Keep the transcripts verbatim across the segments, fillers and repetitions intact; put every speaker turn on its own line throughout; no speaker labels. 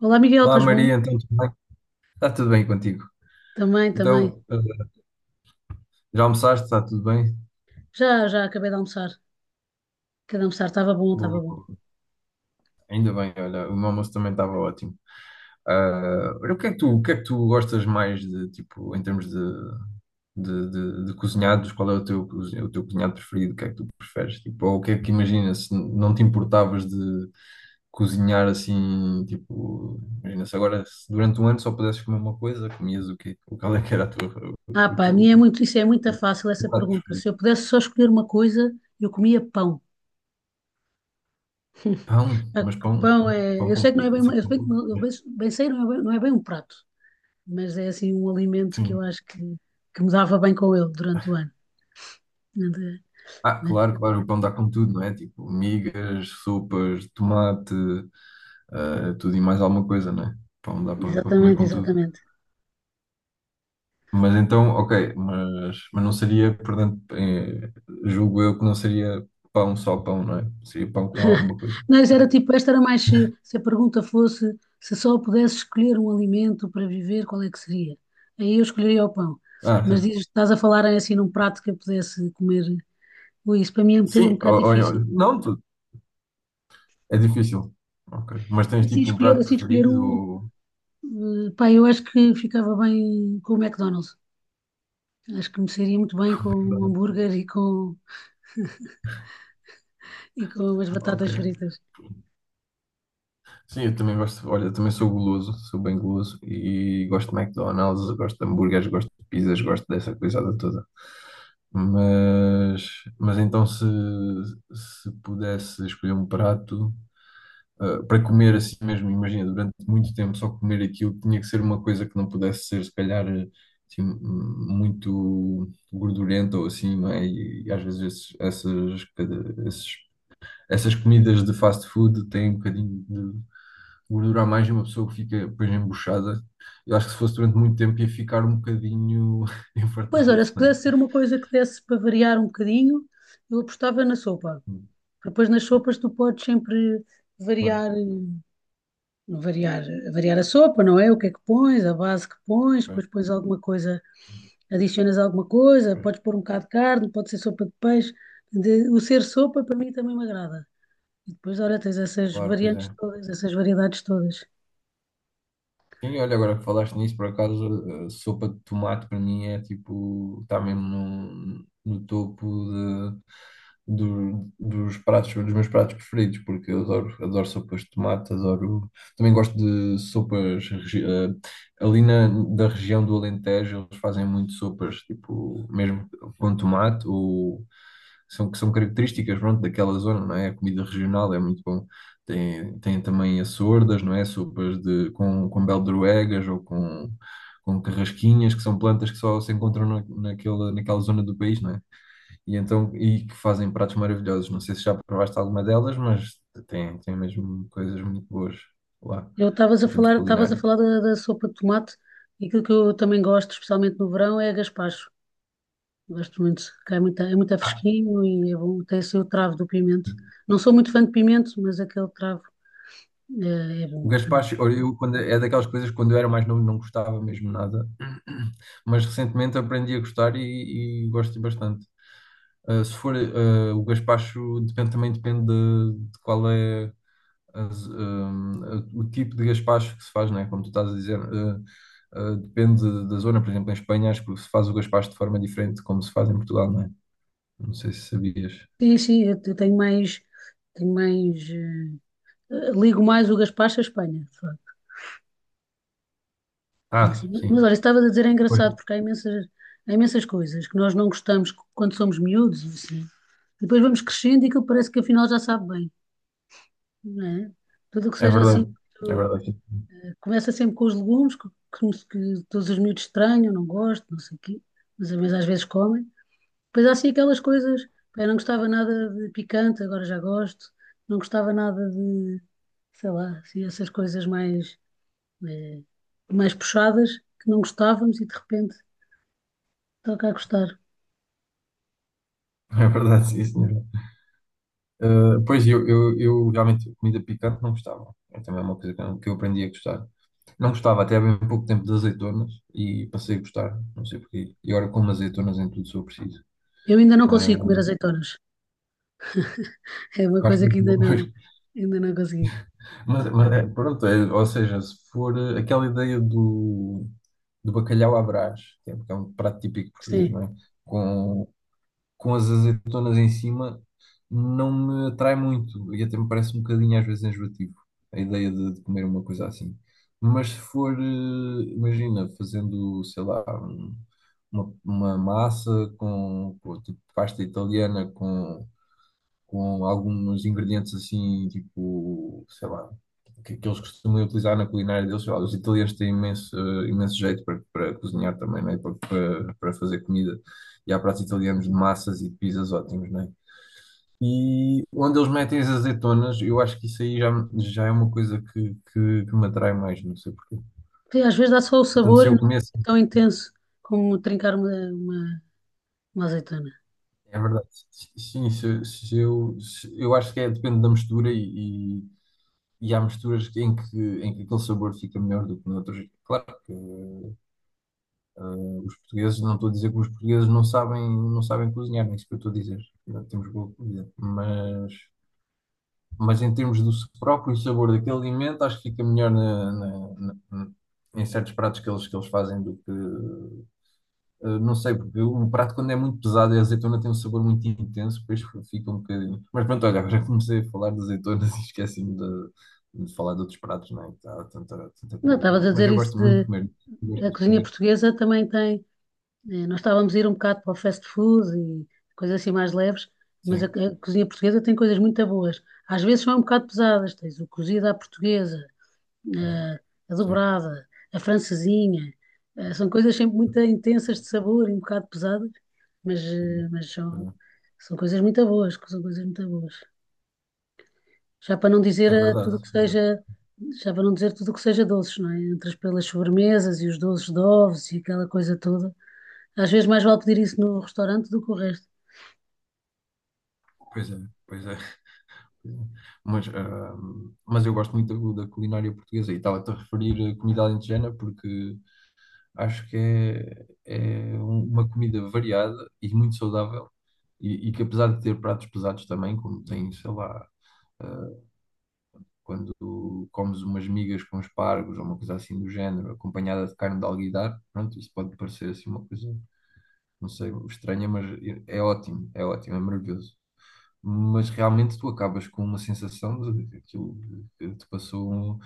Olá, Miguel,
Olá
estás bom?
Maria, então tudo bem? Está tudo bem contigo?
Também, também.
Então, eh, já almoçaste? Está tudo bem?
Já, já acabei de almoçar. Acabei de almoçar, estava bom, estava
Boa,
bom.
boa. Ainda bem, olha, o meu almoço também estava ótimo. Ah, olha, o que é que tu, o que é que tu gostas mais de, tipo, em termos de, de, de, de cozinhados? Qual é o teu, cozi- o teu cozinhado preferido? O que é que tu preferes? Tipo, ou o que é que imagina se não te importavas de cozinhar assim, tipo, imagina se agora, se durante um ano só pudesses comer uma coisa, comias o quê? Qual é que era a tua, o,
Ah,
o
pá, a
teu
minha é muito, isso é muito
o
fácil,
teu
essa
prato
pergunta.
preferido?
Se eu pudesse só escolher uma coisa, eu comia pão.
Pão,
Ah,
mas
que
pão,
pão é,
pão
eu
com
sei que não
quê?
é
Tem
bem,
que ser
uma- eu
pão
bem,
com
eu
quê?
bem, bem sei, não é bem, não é bem um prato, mas é assim um alimento que
Sim.
eu acho que, que me dava bem com ele durante o ano. Não é?
Ah,
É.
claro, claro, o pão dá com tudo, não é? Tipo, migas, sopas, tomate, ah, tudo e mais alguma coisa, não é? Pão dá para comer
Exatamente,
com tudo.
exatamente.
Mas então, ok, mas, mas não seria, portanto, eh, julgo eu que não seria pão só pão, não é? Seria pão com alguma coisa,
Mas
certo?
era tipo, esta era mais se, se a pergunta fosse se só pudesse escolher um alimento para viver, qual é que seria? Aí eu escolheria o pão.
Ah,
Mas
certo.
dizes, estás a falar em, assim num prato que eu pudesse comer. Ui, isso para mim é um bocadinho- um
Sim,
bocado
ó- ó- ó,
difícil.
não, tu- é difícil. Ok, mas tens
Assim
tipo um
escolher,
prato
assim escolher
preferido
um,
ou...
eh, pá, eu acho que ficava bem com o McDonald's. Acho que me seria muito bem com o hambúrguer e com, e com as
Ok.
batatas fritas.
Sim, eu também gosto, olha, eu também sou guloso, sou bem guloso e gosto de McDonald's, gosto de hambúrgueres, gosto de pizzas, gosto dessa coisada toda. Mas, mas então se, se pudesse escolher um prato, ah, para comer assim mesmo, imagina, durante muito tempo só comer aquilo, tinha que ser uma coisa que não pudesse ser, se calhar, assim, muito gordurenta ou assim, não é? E, e às vezes esses- essas, cada- esses- essas comidas de fast food têm um bocadinho gordura a mais e uma pessoa que fica depois embuchada. Eu acho que se fosse durante muito tempo ia ficar um bocadinho
Pois,
infartada
ora se
também.
pudesse ser uma coisa que desse para variar um bocadinho, eu apostava na sopa. Depois nas sopas tu podes sempre
Claro,
variar, variar, variar a sopa, não é? O que é que pões, a base que pões,
pois,
depois pões alguma coisa, adicionas alguma coisa,
pois,
podes pôr um bocado de carne, pode ser sopa de peixe. De- o ser sopa para mim também me agrada. E depois, olha, tens essas
claro, pois é.
variantes todas, essas variedades todas.
Quem olha agora que falaste nisso, por acaso, a sopa de tomate para mim é tipo, está mesmo no, no topo do- dos pratos, dos meus pratos preferidos, porque eu adoro, adoro sopas de tomate, adoro. Também gosto de sopas. Regi- eh, ali na, da região do Alentejo, eles fazem muito sopas, tipo, mesmo com tomate, ou são, que são características, pronto, daquela zona, não é? A comida regional é muito bom. Tem, tem também as sordas, não é? Sopas de, com, com beldroegas ou com. Com carrasquinhas, que são plantas que só se encontram na, naquela, naquela zona do país, não é? E então, e que fazem pratos maravilhosos. Não sei se já provaste alguma delas, mas tem, tem mesmo coisas muito boas lá,
Eu estavas a
em termos de
falar, estavas a
culinária.
falar da, da sopa de tomate e aquilo que eu também gosto, especialmente no verão, é a gaspacho. Gosto muito, que é muito, é muito
Ah,
fresquinho e é bom. Tem assim o travo do pimento. Não sou muito fã de pimento, mas aquele travo é, é
o
bom, né?
gaspacho, olha, eu, quando, é daquelas coisas que quando eu era mais novo não gostava mesmo nada, mas recentemente aprendi a gostar e, e gosto bastante. Ah, se for, ah, o gaspacho depende, também depende de, de qual é. as, hum, o tipo de gaspacho que se faz, né? Como tu estás a dizer, eh, eh, depende da zona. Por exemplo, em Espanha acho que se faz o gaspacho de forma diferente de como se faz em Portugal, não é? Não sei se sabias.
Sim, sim, eu te- tenho mais, tenho mais, eh, ligo mais o gaspacho à Espanha, de facto.
Ah,
Sim, mas
sim.
olha, estava a dizer, é
Pois.
engraçado, porque há imensas, há imensas coisas que nós não gostamos quando somos miúdos, e assim. Depois vamos crescendo e aquilo parece que afinal já sabe bem, não é? Tudo o que
É
seja assim,
verdade. É verdade, sim.
começa sempre com os legumes, que, que- que todos os miúdos estranham, não gostam, não sei o quê, mas, mas às vezes comem. Depois há assim aquelas coisas, pá, eu não gostava nada de picante, agora já gosto, não gostava nada de, sei lá, assim, essas coisas mais, eh, mais puxadas, que não gostávamos e de repente toca a gostar.
É verdade, sim, senhor. Eh, pois, eu, eu, eu realmente, comida picante não gostava. É também uma coisa que eu que eu aprendi a gostar. Não gostava até há bem pouco tempo de azeitonas e passei a gostar, não sei porquê. E agora como azeitonas em tudo se eu preciso.
Eu ainda não
Ah,
consigo comer azeitonas, é uma
eu acho
coisa que
muito
ainda
bom.
não, ainda não consegui.
Mas, mas é, pronto, é, ou seja, se for eh, aquela ideia do, do bacalhau à Brás, que é, que é um prato típico português,
Sim,
não é? Com, com as azeitonas em cima, não me atrai muito e até me parece um bocadinho às vezes enjoativo a ideia de, de comer uma coisa assim. Mas se for, eh, imagina, fazendo, sei lá, um- uma, uma massa com, com tipo pasta italiana com alguns ingredientes assim, tipo, sei lá, que, que eles costumam utilizar na culinária deles. Sei lá, os italianos têm imenso, eh, imenso jeito para, para cozinhar também, né? Para, para, para fazer comida. E há pratos italianos de massas e de pizzas ótimos, né? E onde eles metem as azeitonas, eu acho que isso aí já, já é uma coisa que, que, que me atrai mais, não sei porquê.
sim, às vezes dá só o
Portanto,
sabor
se
e não
eu
é
começo,
assim tão intenso como trincar uma, uma, uma azeitona.
é verdade, sim, se, se eu, se- eu acho que é, depende da mistura e, E há misturas em que, em que aquele sabor fica melhor do que noutros. Claro que eh, os portugueses, não estou a dizer que os portugueses não sabem, não sabem cozinhar, nem é isso que eu estou a dizer. Não temos boa comida. Mas, mas em termos do próprio sabor daquele alimento, acho que fica melhor na- na- na- em certos pratos que eles, que eles fazem do que, uh, não sei, porque um prato quando é muito pesado e a azeitona tem um sabor muito intenso, depois fica um bocadinho. Mas pronto, olha, agora comecei a falar de azeitonas e esqueci-me de, de falar de outros pratos, não é? Que há tanta, tanta
Não,
comida
estavas
boa.
a
Mas
dizer
eu
isso
gosto muito de
de
comer. Gosto
a
de
cozinha
comer.
portuguesa também tem. eh, Nós estávamos a ir um bocado para o fast food e coisas assim mais leves, mas a,
Sim,
a cozinha portuguesa tem coisas muito boas. Às vezes são um bocado pesadas, tens o cozido à portuguesa, eh, a
sim,
dobrada, a francesinha. eh, São coisas sempre muito intensas de sabor e um bocado pesadas, mas, eh,
sim.
mas são, são coisas muito boas, são coisas muito boas. Já para não dizer
É
eh, tudo
verdade,
o que
é verdade.
seja, já para não dizer tudo o que seja doces, não é? Entre as pelas sobremesas e os doces de ovos e aquela coisa toda. Às vezes mais vale pedir isso no restaurante do que o resto.
Pois é, pois é. Mas, ah, mas eu gosto muito da, da culinária portuguesa e estava-te a referir a comida alentejana porque acho que é, é um- uma comida variada e muito saudável. E, e que apesar de ter pratos pesados também, como tem, sei lá, eh, quando comes umas migas com espargos ou uma coisa assim do género, acompanhada de carne de alguidar, pronto, isso pode parecer assim uma coisa, não sei, estranha, mas é é ótimo, é ótimo, é maravilhoso mas realmente tu acabas com uma sensação de que aquilo que te passou um,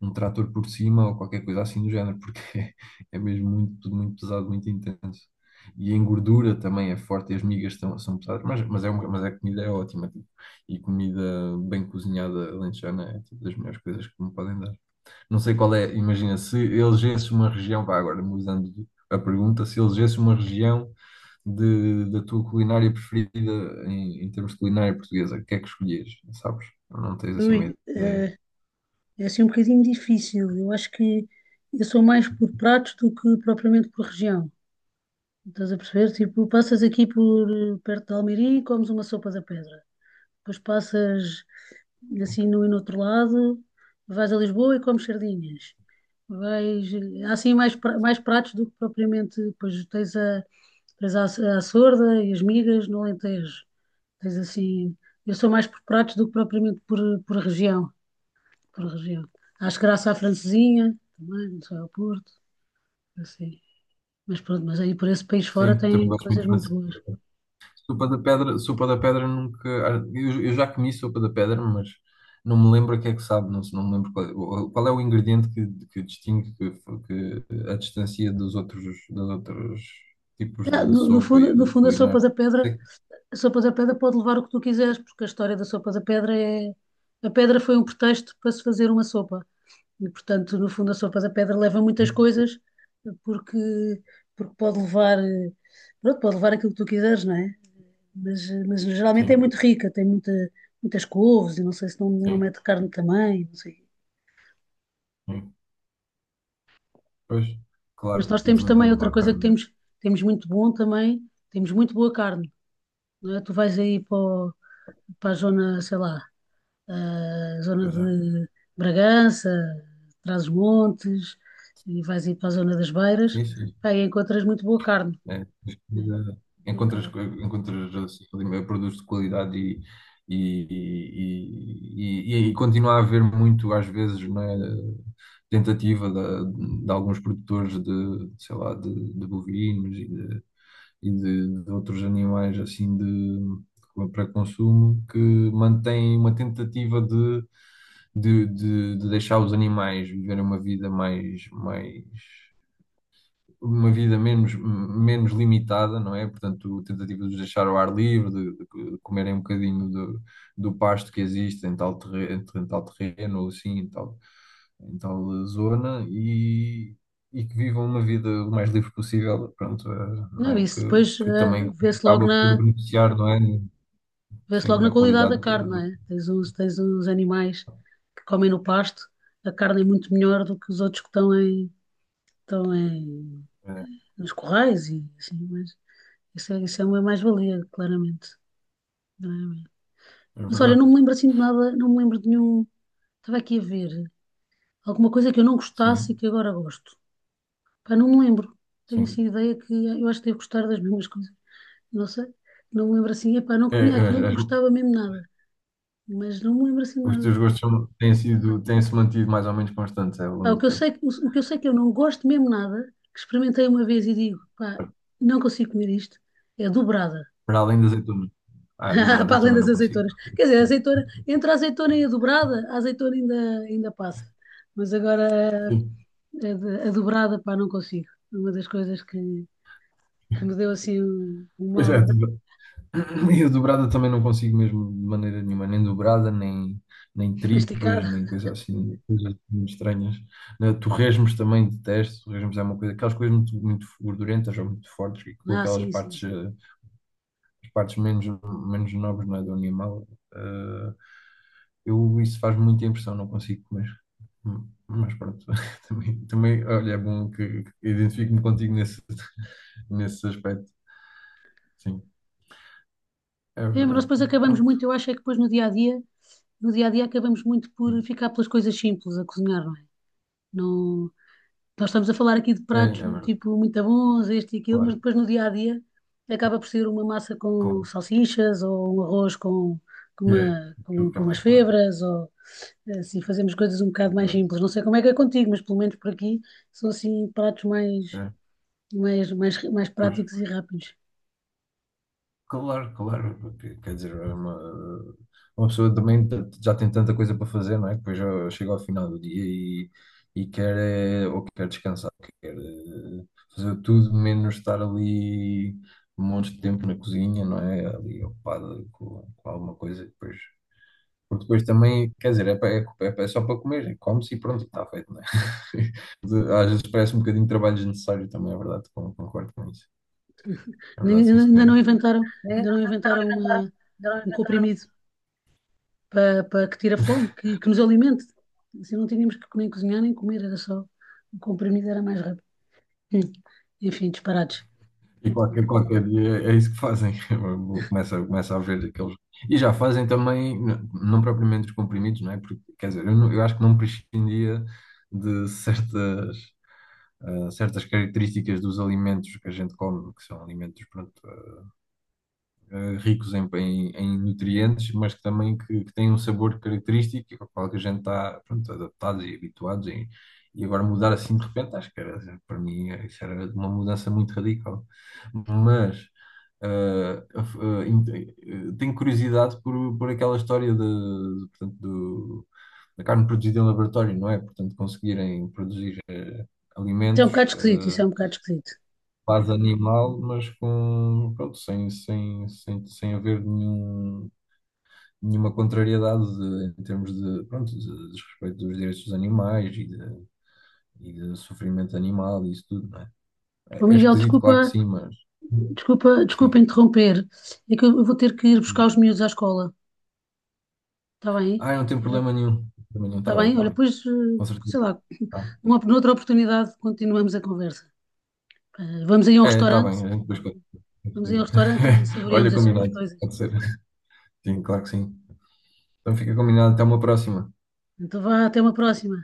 um trator por cima ou qualquer coisa assim do género, porque é mesmo muito, tudo muito pesado, muito intenso. E a engordura também é forte, e as migas tão- são pesadas, mas, mas, é uma, mas a comida é ótima, tipo, e comida bem cozinhada alentejana é tipo, das melhores coisas que me podem dar. Não sei qual é, imagina, se elegesse uma região, vá agora mudando a pergunta, se elegesse uma região de, da tua culinária preferida em, em termos de culinária portuguesa, o que é que escolhias? Sabes? Não tens assim uma
Ui,
ideia.
eh, é assim um bocadinho difícil. Eu acho que eu sou mais por pratos do que propriamente por região. Estás a perceber? Tipo, passas aqui por eh, perto de Almeirim e comes uma sopa da pedra. Depois passas assim no e no outro lado, vais a Lisboa e comes sardinhas. Vais, há assim mais, pra- mais pratos do que propriamente, pois tens a, tens a, a sorda e as migas no Alentejo. Tens assim, eu sou mais por pratos do que propriamente por, por região, por região. Acho graça à francesinha, também, não sei, ao Porto, assim. Mas pronto, mas aí por esse país fora
Sim, também
tem
gosto muito
coisas
de
muito
fazer.
boas.
Sopa da pedra, sopa da pedra nunca. Ah, Eu, eu já comi sopa da pedra, mas não me lembro a que é que sabe, não, não me lembro qual, é o qual é o ingrediente que, que distingue que, que a distancia dos outros, dos outros tipos
Ah,
de
no, no
sopa
fundo,
e
no
de
fundo, a sopa
culinária.
da pedra.
Sei que-
A sopa da pedra pode levar o que tu quiseres, porque a história da sopa da pedra é. A pedra foi um pretexto para se fazer uma sopa. E, portanto, no fundo, a sopa da pedra leva muitas coisas, porque, porque pode levar. eh, Pronto, pode levar aquilo que tu quiseres, não é? Mas, eh, mas geralmente é
Sim,
muito rica, tem muita, muitas couves, e não sei se não, não
sim,
mete carne também, não sei.
sim. Pois,
Mas
claro.
nós
E
temos
também
também
pode
outra
levar
coisa que
carne, não é?
temos, temos muito bom também, temos muito boa carne, não é? Tu vais aí para, o- para a zona, sei lá, a zona
Pois é.
de Bragança, Trás-os-Montes, e vais ir para a zona das Beiras,
Sim, sim.
pá, e encontras muito boa carne,
É,
né? Muito boa
encontras,
carne.
co- encontras assim, ali, produtos de qualidade e, e, e, e, e continua a haver muito, às vezes, não é, tentativa de, de alguns produtores de, sei lá, de, de bovinos e de, e de, de outros animais assim de, para consumo que mantém uma tentativa de, de, de, de deixar os animais viverem uma vida mais, mais uma vida menos, menos limitada, não é? Portanto, tentativa de deixar ao ar livre, de, de comerem um bocadinho do, do pasto que existe em tal terreno, em tal terreno ou assim, em tal, em tal zona, e, e que vivam uma vida o mais livre possível, pronto, eh, não
Não,
é?
isso
Que,
depois
que
eh,
também
vê-se logo
acaba por
na,
beneficiar, não é?
vê-se
Sim,
logo na
na
qualidade da
qualidade do...
carne, não
do-
é? Tens uns, tens uns animais que comem no pasto, a carne é muito melhor do que os outros que estão em, estão em,
É,
nos corrais e assim, mas isso é, isso é uma mais-valia, claramente, claramente.
é
Mas olha, não
verdade,
me lembro assim de nada, não me lembro de nenhum. Estava aqui a ver. Alguma coisa que eu não gostasse e
sim,
que agora gosto. Pá, não me lembro. Tenho assim
sim.
a ideia que eh, eu acho que devo gostar das mesmas coisas. Não sei. Não me lembro assim. Epá, não
É,
comia aquilo,
é,
não
as-
gostava mesmo nada. Mas não me lembro assim de
os
nada.
teus gostos são- têm sido, têm-se mantido mais ou menos constantes, é, ao
Pá,
longo
o
do
que eu
tempo.
sei, que- o, que eu sei que eu não gosto mesmo nada, que experimentei uma vez e digo, pá, não consigo comer isto, é dobrada.
Para além das azeitonas. Ah, dobrada
Para
eu
além
também
das
não consigo.
azeitonas. Quer dizer, a azeitona, entre a azeitona e a dobrada, a azeitona ainda, ainda passa. Mas agora
Sim.
a, de- a dobrada, pá, não consigo. É uma das coisas que, que me deu assim um, um
Pois é, hum.
mal
Dobra- e a dobrada também não consigo mesmo de maneira nenhuma, nem dobrada, nem, nem tripas,
masticado.
nem coisa assim, coisas muito estranhas. Né, torresmos também detesto, torresmos é uma coisa, aquelas coisas muito, muito gordurentas ou muito fortes, e com
Ah,
aquelas
sim, sim,
partes
sim.
eh, partes menos, menos nobres, não é, do animal, eh, eu, isso faz muita impressão, não consigo comer. Hum, Mas pronto, também, também, olha, é bom que que identifico-me contigo nesse, nesse aspecto. Sim, é
É, mas nós
verdade.
depois acabamos
Pronto,
muito, eu acho é que depois no dia a dia, no dia a dia acabamos muito por
sim,
ficar pelas coisas simples a cozinhar, não é? Não, nós estamos a falar aqui de
é, é
pratos
verdade,
tipo muito bons, este e aquilo, mas
claro,
depois no dia a dia acaba por ser uma massa com
claro.
salsichas ou um arroz com, com,
É
uma,
aquilo
com,
que é
com umas
mais prático.
febras ou assim fazemos coisas um bocado mais
Exato.
simples. Não sei como é que é contigo, mas pelo menos por aqui são assim pratos mais,
É,
mais, mais, mais
pois.
práticos e rápidos.
Claro, claro, porque, quer dizer, é uma, uma pessoa também t- já tem tanta coisa para fazer, não é? Depois já chega ao final do dia e, e quer, é, ou quer descansar, quer eh, fazer tudo menos estar ali um monte de tempo na cozinha, não é? Ali ocupado com, com alguma coisa, e depois, porque depois também, quer dizer, é, pa- é, é- é só para comer, é, come-se e pronto, está feito, não é? De- Às vezes parece um bocadinho de trabalho desnecessário também, é verdade, con- concordo com isso. É verdade,
Ainda
sim,
ainda
senhora.
não inventaram, ainda não inventaram uma- um comprimido para, para que tire a fome, que, que nos alimente. Assim não tínhamos que nem cozinhar nem comer, era só o comprimido era mais rápido. Hum. Enfim, disparados.
E qualquer, qualquer dia é isso que fazem. Começa, começa a ver aqueles. E já fazem também, n- não propriamente os comprimidos, não é? Porque, quer dizer, eu, não- eu acho que não prescindia de certas, ah, certas características dos alimentos que a gente come, que são alimentos, pronto, eh, ricos em, em- em nutrientes, mas que também que, que têm um sabor característico ao qual que a gente está pronto, adaptados e habituados. E, e agora mudar assim de repente, acho que era, para mim eh, isso era uma mudança muito radical. Mas eh, af- eh, ent- eh, tenho curiosidade por, por aquela história de, de, portanto, do, da carne produzida em laboratório, não é? Portanto, conseguirem produzir eh,
Isso é um
alimentos.
bocado esquisito, isso é
Eh,
um bocado esquisito.
quase animal, mas com, pronto, sem, sem, sem, sem haver nenhum, nenhuma contrariedade de- em termos de, pronto, de, de respeito dos direitos dos animais e de, e de sofrimento animal e isso tudo, não é?
Ô
É, é
Miguel,
esquisito, claro que
desculpa,
sim, mas
desculpa, desculpa
sim,
interromper. É que eu eu vou ter que ir buscar
diz.
os miúdos à escola. Está bem?
Ah, não tem
Eh,
problema nenhum, problema nenhum,
Está
está bem,
bem?
está
Olha,
bem,
pois, eh,
com certeza.
sei lá,
Tá.
numa, noutra oportunidade continuamos a conversa. Eh, Vamos aí a um
É, está
restaurante.
bem, a gente depois conta.
Vamos aí ao restaurante e saboreamos
Olha,
assim umas
combinado,
coisas.
pode ser. Sim, claro que sim. Então fica combinado, até uma próxima.
Então vá, até uma próxima.